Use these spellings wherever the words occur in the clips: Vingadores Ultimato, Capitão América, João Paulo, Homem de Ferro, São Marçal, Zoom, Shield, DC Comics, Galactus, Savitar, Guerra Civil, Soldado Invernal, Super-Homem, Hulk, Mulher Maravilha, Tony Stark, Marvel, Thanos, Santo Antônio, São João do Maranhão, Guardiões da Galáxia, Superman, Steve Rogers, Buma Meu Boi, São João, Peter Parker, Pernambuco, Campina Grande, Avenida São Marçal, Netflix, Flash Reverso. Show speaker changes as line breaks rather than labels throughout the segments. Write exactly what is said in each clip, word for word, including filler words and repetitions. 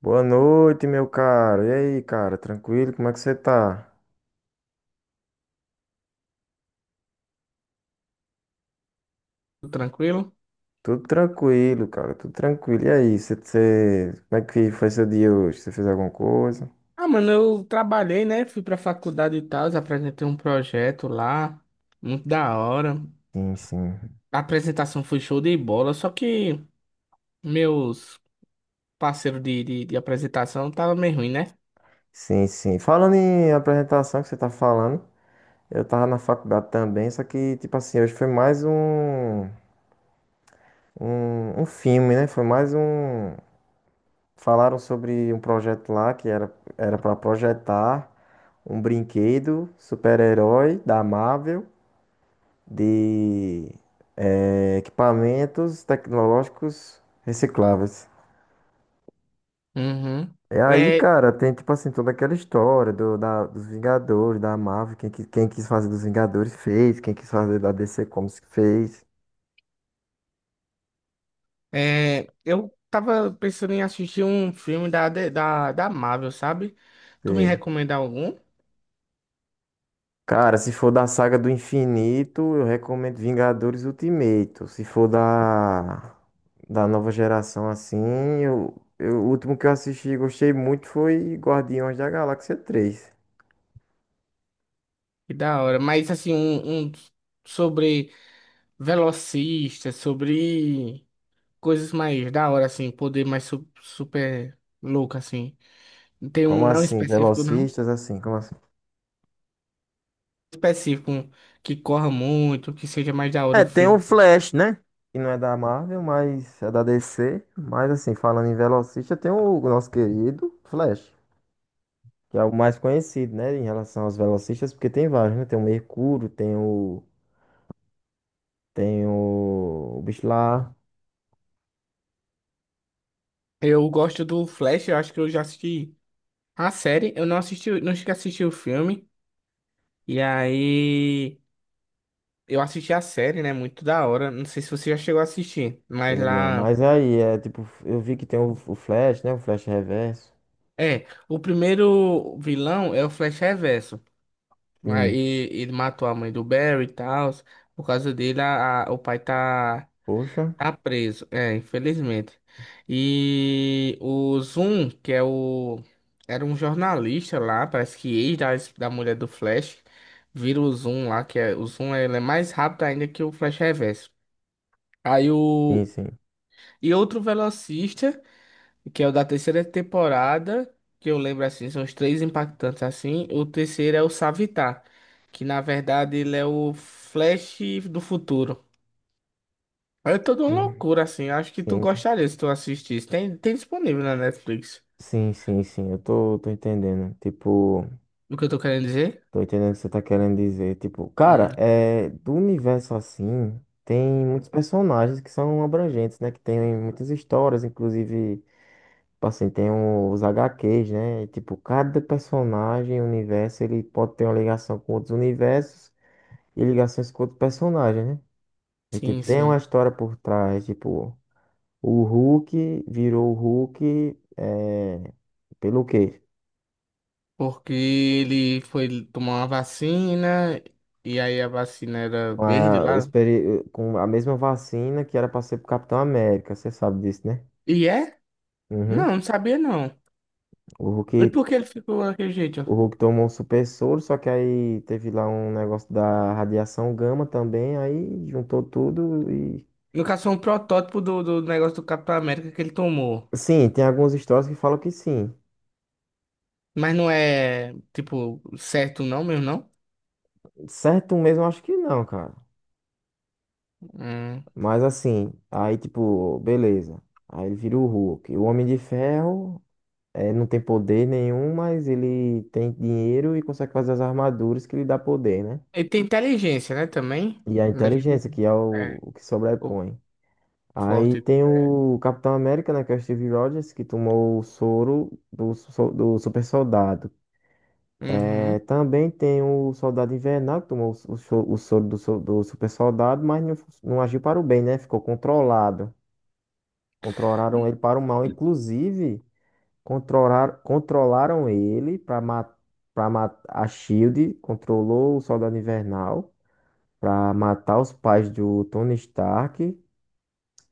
Boa noite, meu cara. E aí, cara? Tranquilo? Como é que você tá?
Tudo tranquilo?
Tudo tranquilo, cara. Tudo tranquilo. E aí, você, você- como é que foi seu dia hoje? Você fez alguma coisa?
Ah, mano, eu trabalhei, né? Fui pra faculdade e tal, apresentei um projeto lá, muito da hora.
Sim, sim.
A apresentação foi show de bola, só que meus parceiros de, de, de apresentação tava meio ruim, né?
Sim, sim. Falando em apresentação que você tá falando, eu tava na faculdade também, só que, tipo assim, hoje foi mais um, um, um filme, né? Foi mais um. Falaram sobre um projeto lá que era, era para projetar um brinquedo super-herói da Marvel. De eh, equipamentos tecnológicos recicláveis.
Uhum.
E aí,
É,
cara, tem tipo assim toda aquela história do, da, dos Vingadores, da Marvel, quem, qui- quem quis fazer dos Vingadores fez, quem quis fazer da D C Comics fez.
é, eu tava pensando em assistir um filme da, de- da, da Marvel, sabe? Tu me
Sei.
recomenda algum?
Cara, se for da saga do infinito, eu recomendo Vingadores Ultimato. Se for da, da nova geração assim, eu, eu- o último que eu assisti e gostei muito foi Guardiões da Galáxia três.
Que da hora, mas assim, um, um sobre velocista sobre. Coisas mais da hora, assim, poder mais su- super louco, assim. Tem um
Como
não
assim?
específico, não.
Velocistas, assim, como assim?
Específico, um que corra muito, que seja mais da hora
É,
o
tem o
filme.
Flash, né? Que não é da Marvel, mas é da D C. Mas, assim, falando em velocista, tem o nosso querido Flash, que é o mais conhecido, né? Em relação aos velocistas, porque tem vários, né? Tem o Mercúrio, tem o. Tem o. O bicho lá.
Eu gosto do Flash, eu acho que eu já assisti a série. Eu não assisti, não cheguei a assistir o filme. E aí, eu assisti a série, né? Muito da hora. Não sei se você já chegou a assistir, mas
Peguei não,
lá.
mas aí, é tipo, eu vi que tem o, o Flash, né? O Flash Reverso.
É, o primeiro vilão é o Flash Reverso.
Sim.
Aí ele matou a mãe do Barry e tal. Por causa dele, a, a- o pai tá.
Poxa.
Tá preso, é, infelizmente. E o Zoom, que é o. Era um jornalista lá, parece que ex da, da mulher do Flash, vira o Zoom lá, que é. O Zoom ele é mais rápido ainda que o Flash Reverso. Aí o.
Sim, sim.
E outro velocista, que é o da terceira temporada, que eu lembro assim, são os três impactantes assim. O terceiro é o Savitar, que na verdade ele é o Flash do futuro. É toda uma
Sim,
loucura, assim. Acho que tu
sim,
gostaria se tu assistisse. Tem, tem disponível na Netflix.
sim, sim. sim, Eu tô, tô entendendo. Tipo.
O que eu tô querendo dizer?
Tô entendendo o que você tá querendo dizer. Tipo,
Hum.
cara, é, do universo assim, tem muitos personagens que são abrangentes, né? Que tem muitas histórias, inclusive, tipo assim, tem os H Qs, né? E, tipo, cada personagem, universo, ele pode ter uma ligação com outros universos e ligações com outros personagens, né? E,
Sim,
tipo, tem uma
sim.
história por trás, tipo, o Hulk virou o Hulk, é, pelo quê?
Porque ele foi tomar uma vacina, e aí a vacina era
Com
verde
a,
lá.
experi- com a mesma vacina que era para ser pro Capitão América, você sabe disso, né?
E é? Não,
Uhum.
não sabia não.
O
E
Hulk,
por que ele ficou daquele jeito? Ó?
o Hulk tomou um super soro, só que aí teve lá um negócio da radiação gama também, aí juntou tudo e.
No caso, foi um protótipo do, do negócio do Capitão América que ele tomou.
Sim, tem algumas histórias que falam que sim.
Mas não é, tipo, certo não mesmo, não?
Certo mesmo, eu acho que não, cara.
Hum.
Mas assim, aí tipo, beleza. Aí ele vira o Hulk. O Homem de Ferro eh, não tem poder nenhum, mas ele tem dinheiro e consegue fazer as armaduras que lhe dá poder, né?
Ele tem inteligência, né, também?
E a
A gente-
inteligência, que é o,
É,
o que
o
sobrepõe. Aí
forte.
tem o Capitão América, né, que é o Steve Rogers, que tomou o soro do, so- do super soldado. É,
Uhum.
também tem o Soldado Invernal, que tomou o, so- o so- soro do, so- do super soldado, mas não, não agiu para o bem, né? Ficou controlado. Controlaram ele para o mal. Inclusive, controlar, controlaram ele para matar. Pra matar a Shield controlou o Soldado Invernal para matar os pais do Tony Stark.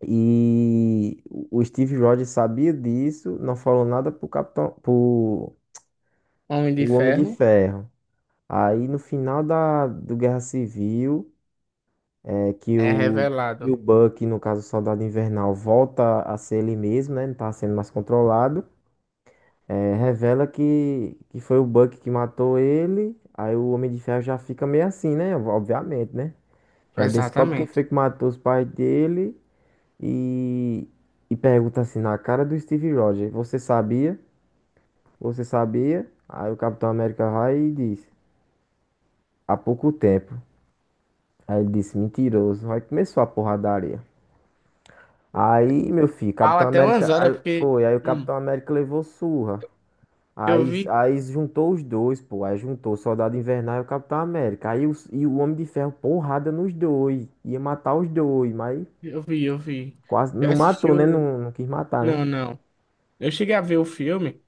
E o Steve Rogers sabia disso, não falou nada pro Capitão, pro
Homem de
o Homem de
Ferro
Ferro. Aí no final da do Guerra Civil, é que
é
o que
revelado.
o Buck, no caso o Soldado Invernal, volta a ser ele mesmo, né? Não tá sendo mais controlado. É, revela que, que foi o Buck que matou ele. Aí o Homem de Ferro já fica meio assim, né? Obviamente, né? Já descobre quem
Exatamente.
foi que matou os pais dele. E, e pergunta assim na cara do Steve Rogers, você sabia? Você sabia? Aí o Capitão América vai e diz, há pouco tempo. Aí ele disse, mentiroso. Aí começou a porradaria. Aí, meu filho,
Fala
Capitão
até umas
América,
horas,
aí
porque
foi, aí o
hum,
Capitão América levou surra.
eu
Aí,
vi,
aí juntou os dois, pô. Aí juntou o Soldado Invernal e o Capitão América. Aí o, e o Homem de Ferro, porrada nos dois. Ia matar os dois, mas
eu vi, eu vi.
quase
Eu
não
assisti
matou, né?
o.
Não, não quis matar, né?
Não, não. Eu cheguei a ver o filme,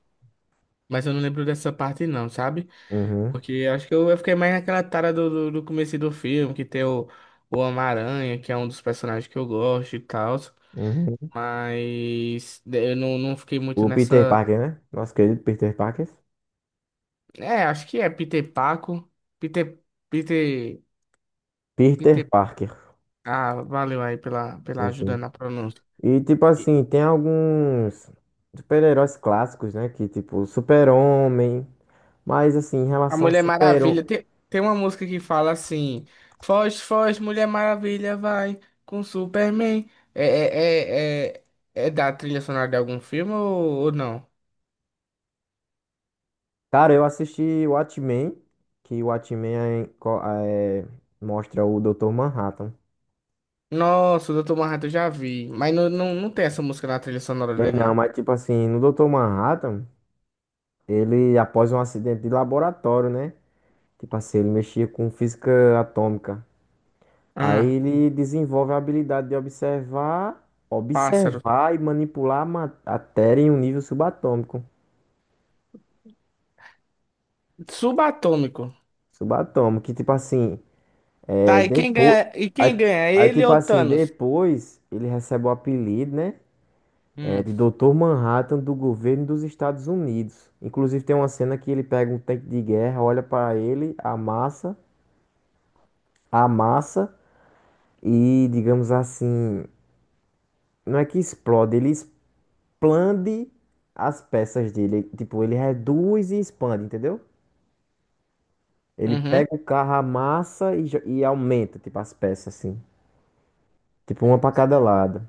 mas eu não lembro dessa parte, não, sabe?
Uhum,
Porque eu acho que eu, eu fiquei mais naquela tara do, do, do começo do filme, que tem o, o Homem-Aranha, que é um dos personagens que eu gosto e tal.
uhum.
Mas eu não, não fiquei muito
O Peter
nessa.
Parker, né? Nosso querido Peter Parker.
É, acho que é Peter Paco. Peter. Peter.
Peter
Peter.
Parker.
Ah, valeu aí pela, pela
Sim,
ajuda
sim.
na pronúncia.
E tipo
E
assim, tem alguns super-heróis clássicos, né? Que tipo, Super-Homem. Mas assim, em
a
relação ao
Mulher
Super-Homem.
Maravilha, tem, tem uma música que fala assim: Foge, foge, Mulher Maravilha, vai com Superman. É, é, é, é, é da trilha sonora de algum filme ou, ou não?
Cara, eu assisti o Watchmen, que o Watchmen é, co- é- mostra o doutor Manhattan.
Nossa, o doutor Manhattan eu já vi, mas não, não, não tem essa música na trilha sonora
Tem
dele,
não,
não.
mas tipo assim, no doutor Manhattan, ele, após um acidente de laboratório, né? Tipo assim, ele mexia com física atômica. Aí
Ah,
ele desenvolve a habilidade de observar,
pássaro.
observar e manipular a ma- matéria em um nível subatômico.
Subatômico.
Subatômico, que tipo assim,
Tá,
é,
e quem
depois,
ganha, e
aí,
quem ganha?
aí,
Ele
tipo
ou
assim,
Thanos?
depois ele recebe o apelido, né? É,
Hum,
de Doutor Manhattan do governo dos Estados Unidos. Inclusive tem uma cena que ele pega um tanque de guerra, olha para ele, amassa, amassa e, digamos assim, não é que explode, ele expande as peças dele. Tipo, ele reduz e expande, entendeu? Ele
uhum.
pega o carro, amassa e, jo- e aumenta, tipo, as peças, assim. Tipo, uma pra cada lado.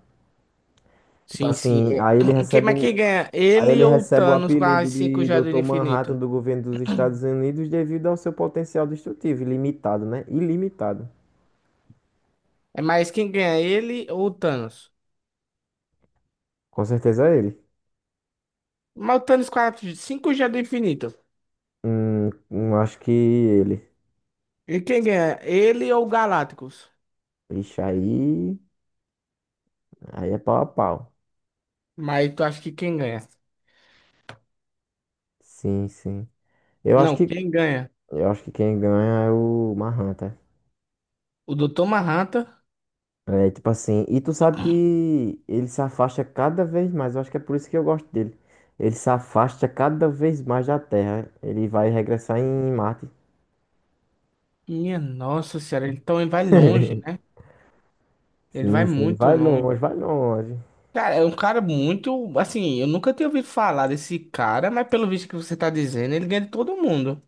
Tipo
Sim, sim.
assim,
É.
aí ele
Quem,
recebe
mas
o,
quem ganha?
aí
Ele
ele
ou o
recebe o
Thanos com as
apelido
cinco
de
joias do
doutor Manhattan
infinito?
do governo dos Estados Unidos devido ao seu potencial destrutivo, ilimitado, né? Ilimitado.
É mais quem ganha? Ele ou o Thanos?
Com certeza é ele.
Mas o Thanos com as cinco joias do infinito.
Hum, hum, acho que ele.
E quem ganha? Ele ou o Galactus?
Ixi, aí. Aí é pau a pau.
Mas tu acha que quem ganha?
Sim, sim. Eu acho
Não,
que
quem ganha?
Eu acho que quem ganha é o Mahan, tá?
O doutor Manhattan?
É, tipo assim, e tu sabe que ele se afasta cada vez mais, eu acho que é por isso que eu gosto dele. Ele se afasta cada vez mais da Terra. Ele vai regressar em Marte.
Minha nossa senhora, ele também vai longe, né? Ele vai
Sim, sim, ele
muito
vai
longe.
longe, vai longe.
Cara, é um cara muito. Assim, eu nunca tinha ouvido falar desse cara, mas pelo visto que você tá dizendo, ele ganha de todo mundo.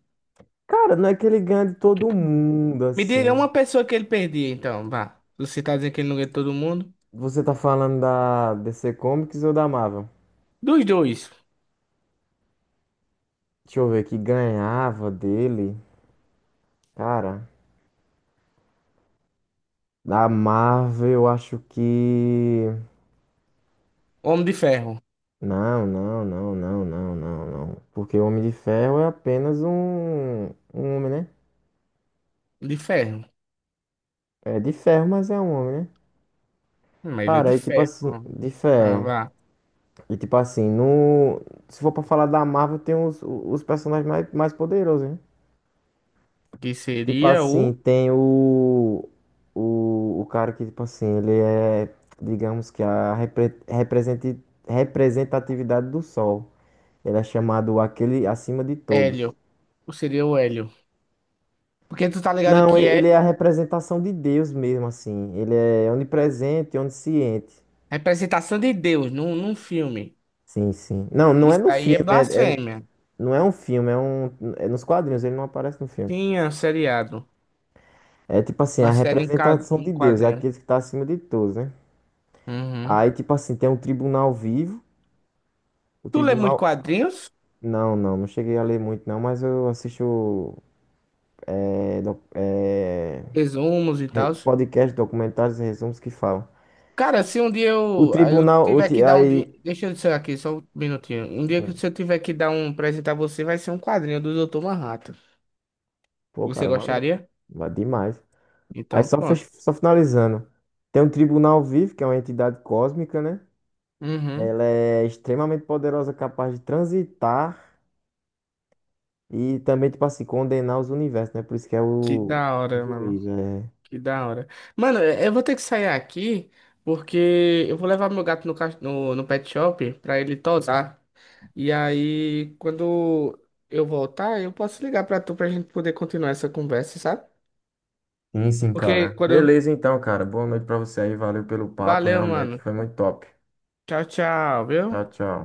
Cara, não é que ele ganha de todo mundo,
Me diga é
assim.
uma pessoa que ele perdia, então, vá. Você tá dizendo que ele não ganha de todo mundo?
Você tá falando da D C Comics ou da Marvel?
Dos dois.
Deixa eu ver, que ganhava dele. Cara, da Marvel eu acho que.
Homem de ferro.
Não, não, não, não, não, não, não. Porque o Homem de Ferro é apenas um, um homem, né?
De ferro.
É de ferro, mas é um homem, né?
Hum. Mas ele é de
Cara, e tipo assim,
ferro.
de
Ah,
ferro.
vá.
E tipo assim, no, se for pra falar da Marvel, tem os, os personagens mais, mais poderosos, né?
Que
Tipo
seria
assim,
o
tem o, o, o cara que, tipo assim, ele é, digamos que a repre, representi- representatividade do Sol. Ele é chamado aquele acima de todos.
Hélio. Ou seria o Hélio. Porque tu tá ligado
Não, e-
que
ele é a
Hélio
representação de Deus mesmo, assim. Ele é onipresente, onisciente.
é representação de Deus num, num filme.
Sim, sim. Não, não é
Isso
no
aí é
filme, é, é-
blasfêmia.
não é um filme, é um, é nos quadrinhos, ele não aparece no filme.
Tinha um seriado.
É tipo assim,
Uma
a
série em, ca-
representação
em
de Deus, é
quadrinhos.
aquele que tá acima de todos, né?
Uhum.
Aí, tipo assim, tem um tribunal vivo, o
Tu lê muito
tribunal...
quadrinhos?
Não, não, não cheguei a ler muito, não, mas eu assisto é, doc- é,
Resumos e
re-
tal?
podcast, documentários e resumos que falam.
Cara, se um dia
O
eu, ah, eu
tribunal, o,
tiver
ti-
que dar um. di-
aí...
Deixa eu dizer aqui, só um minutinho. Um dia que se eu tiver que dar um presente a você, vai ser um quadrinho do doutor Manhattan.
Pô,
Você
cara, valeu.
gostaria?
Vai demais. Aí
Então,
só,
pronto.
fech- só finalizando. Tem um tribunal vivo, que é uma entidade cósmica, né?
Uhum.
Ela é extremamente poderosa, capaz de transitar e também, tipo assim, condenar os universos, né? Por isso que é
Que
o
da
o
hora, mano.
juiz, é.
Que da hora. Mano, eu eu vou ter que sair aqui, porque eu vou levar meu gato no, cach- no, no pet shop pra ele tosar. E aí, quando eu voltar, eu posso ligar pra tu pra gente poder continuar essa conversa, sabe?
Sim, sim,
Porque
cara.
quando.
Beleza, então, cara. Boa noite pra você aí. Valeu pelo papo,
Valeu,
realmente
mano.
foi muito top.
Tchau, tchau, viu?
Tchau, tchau.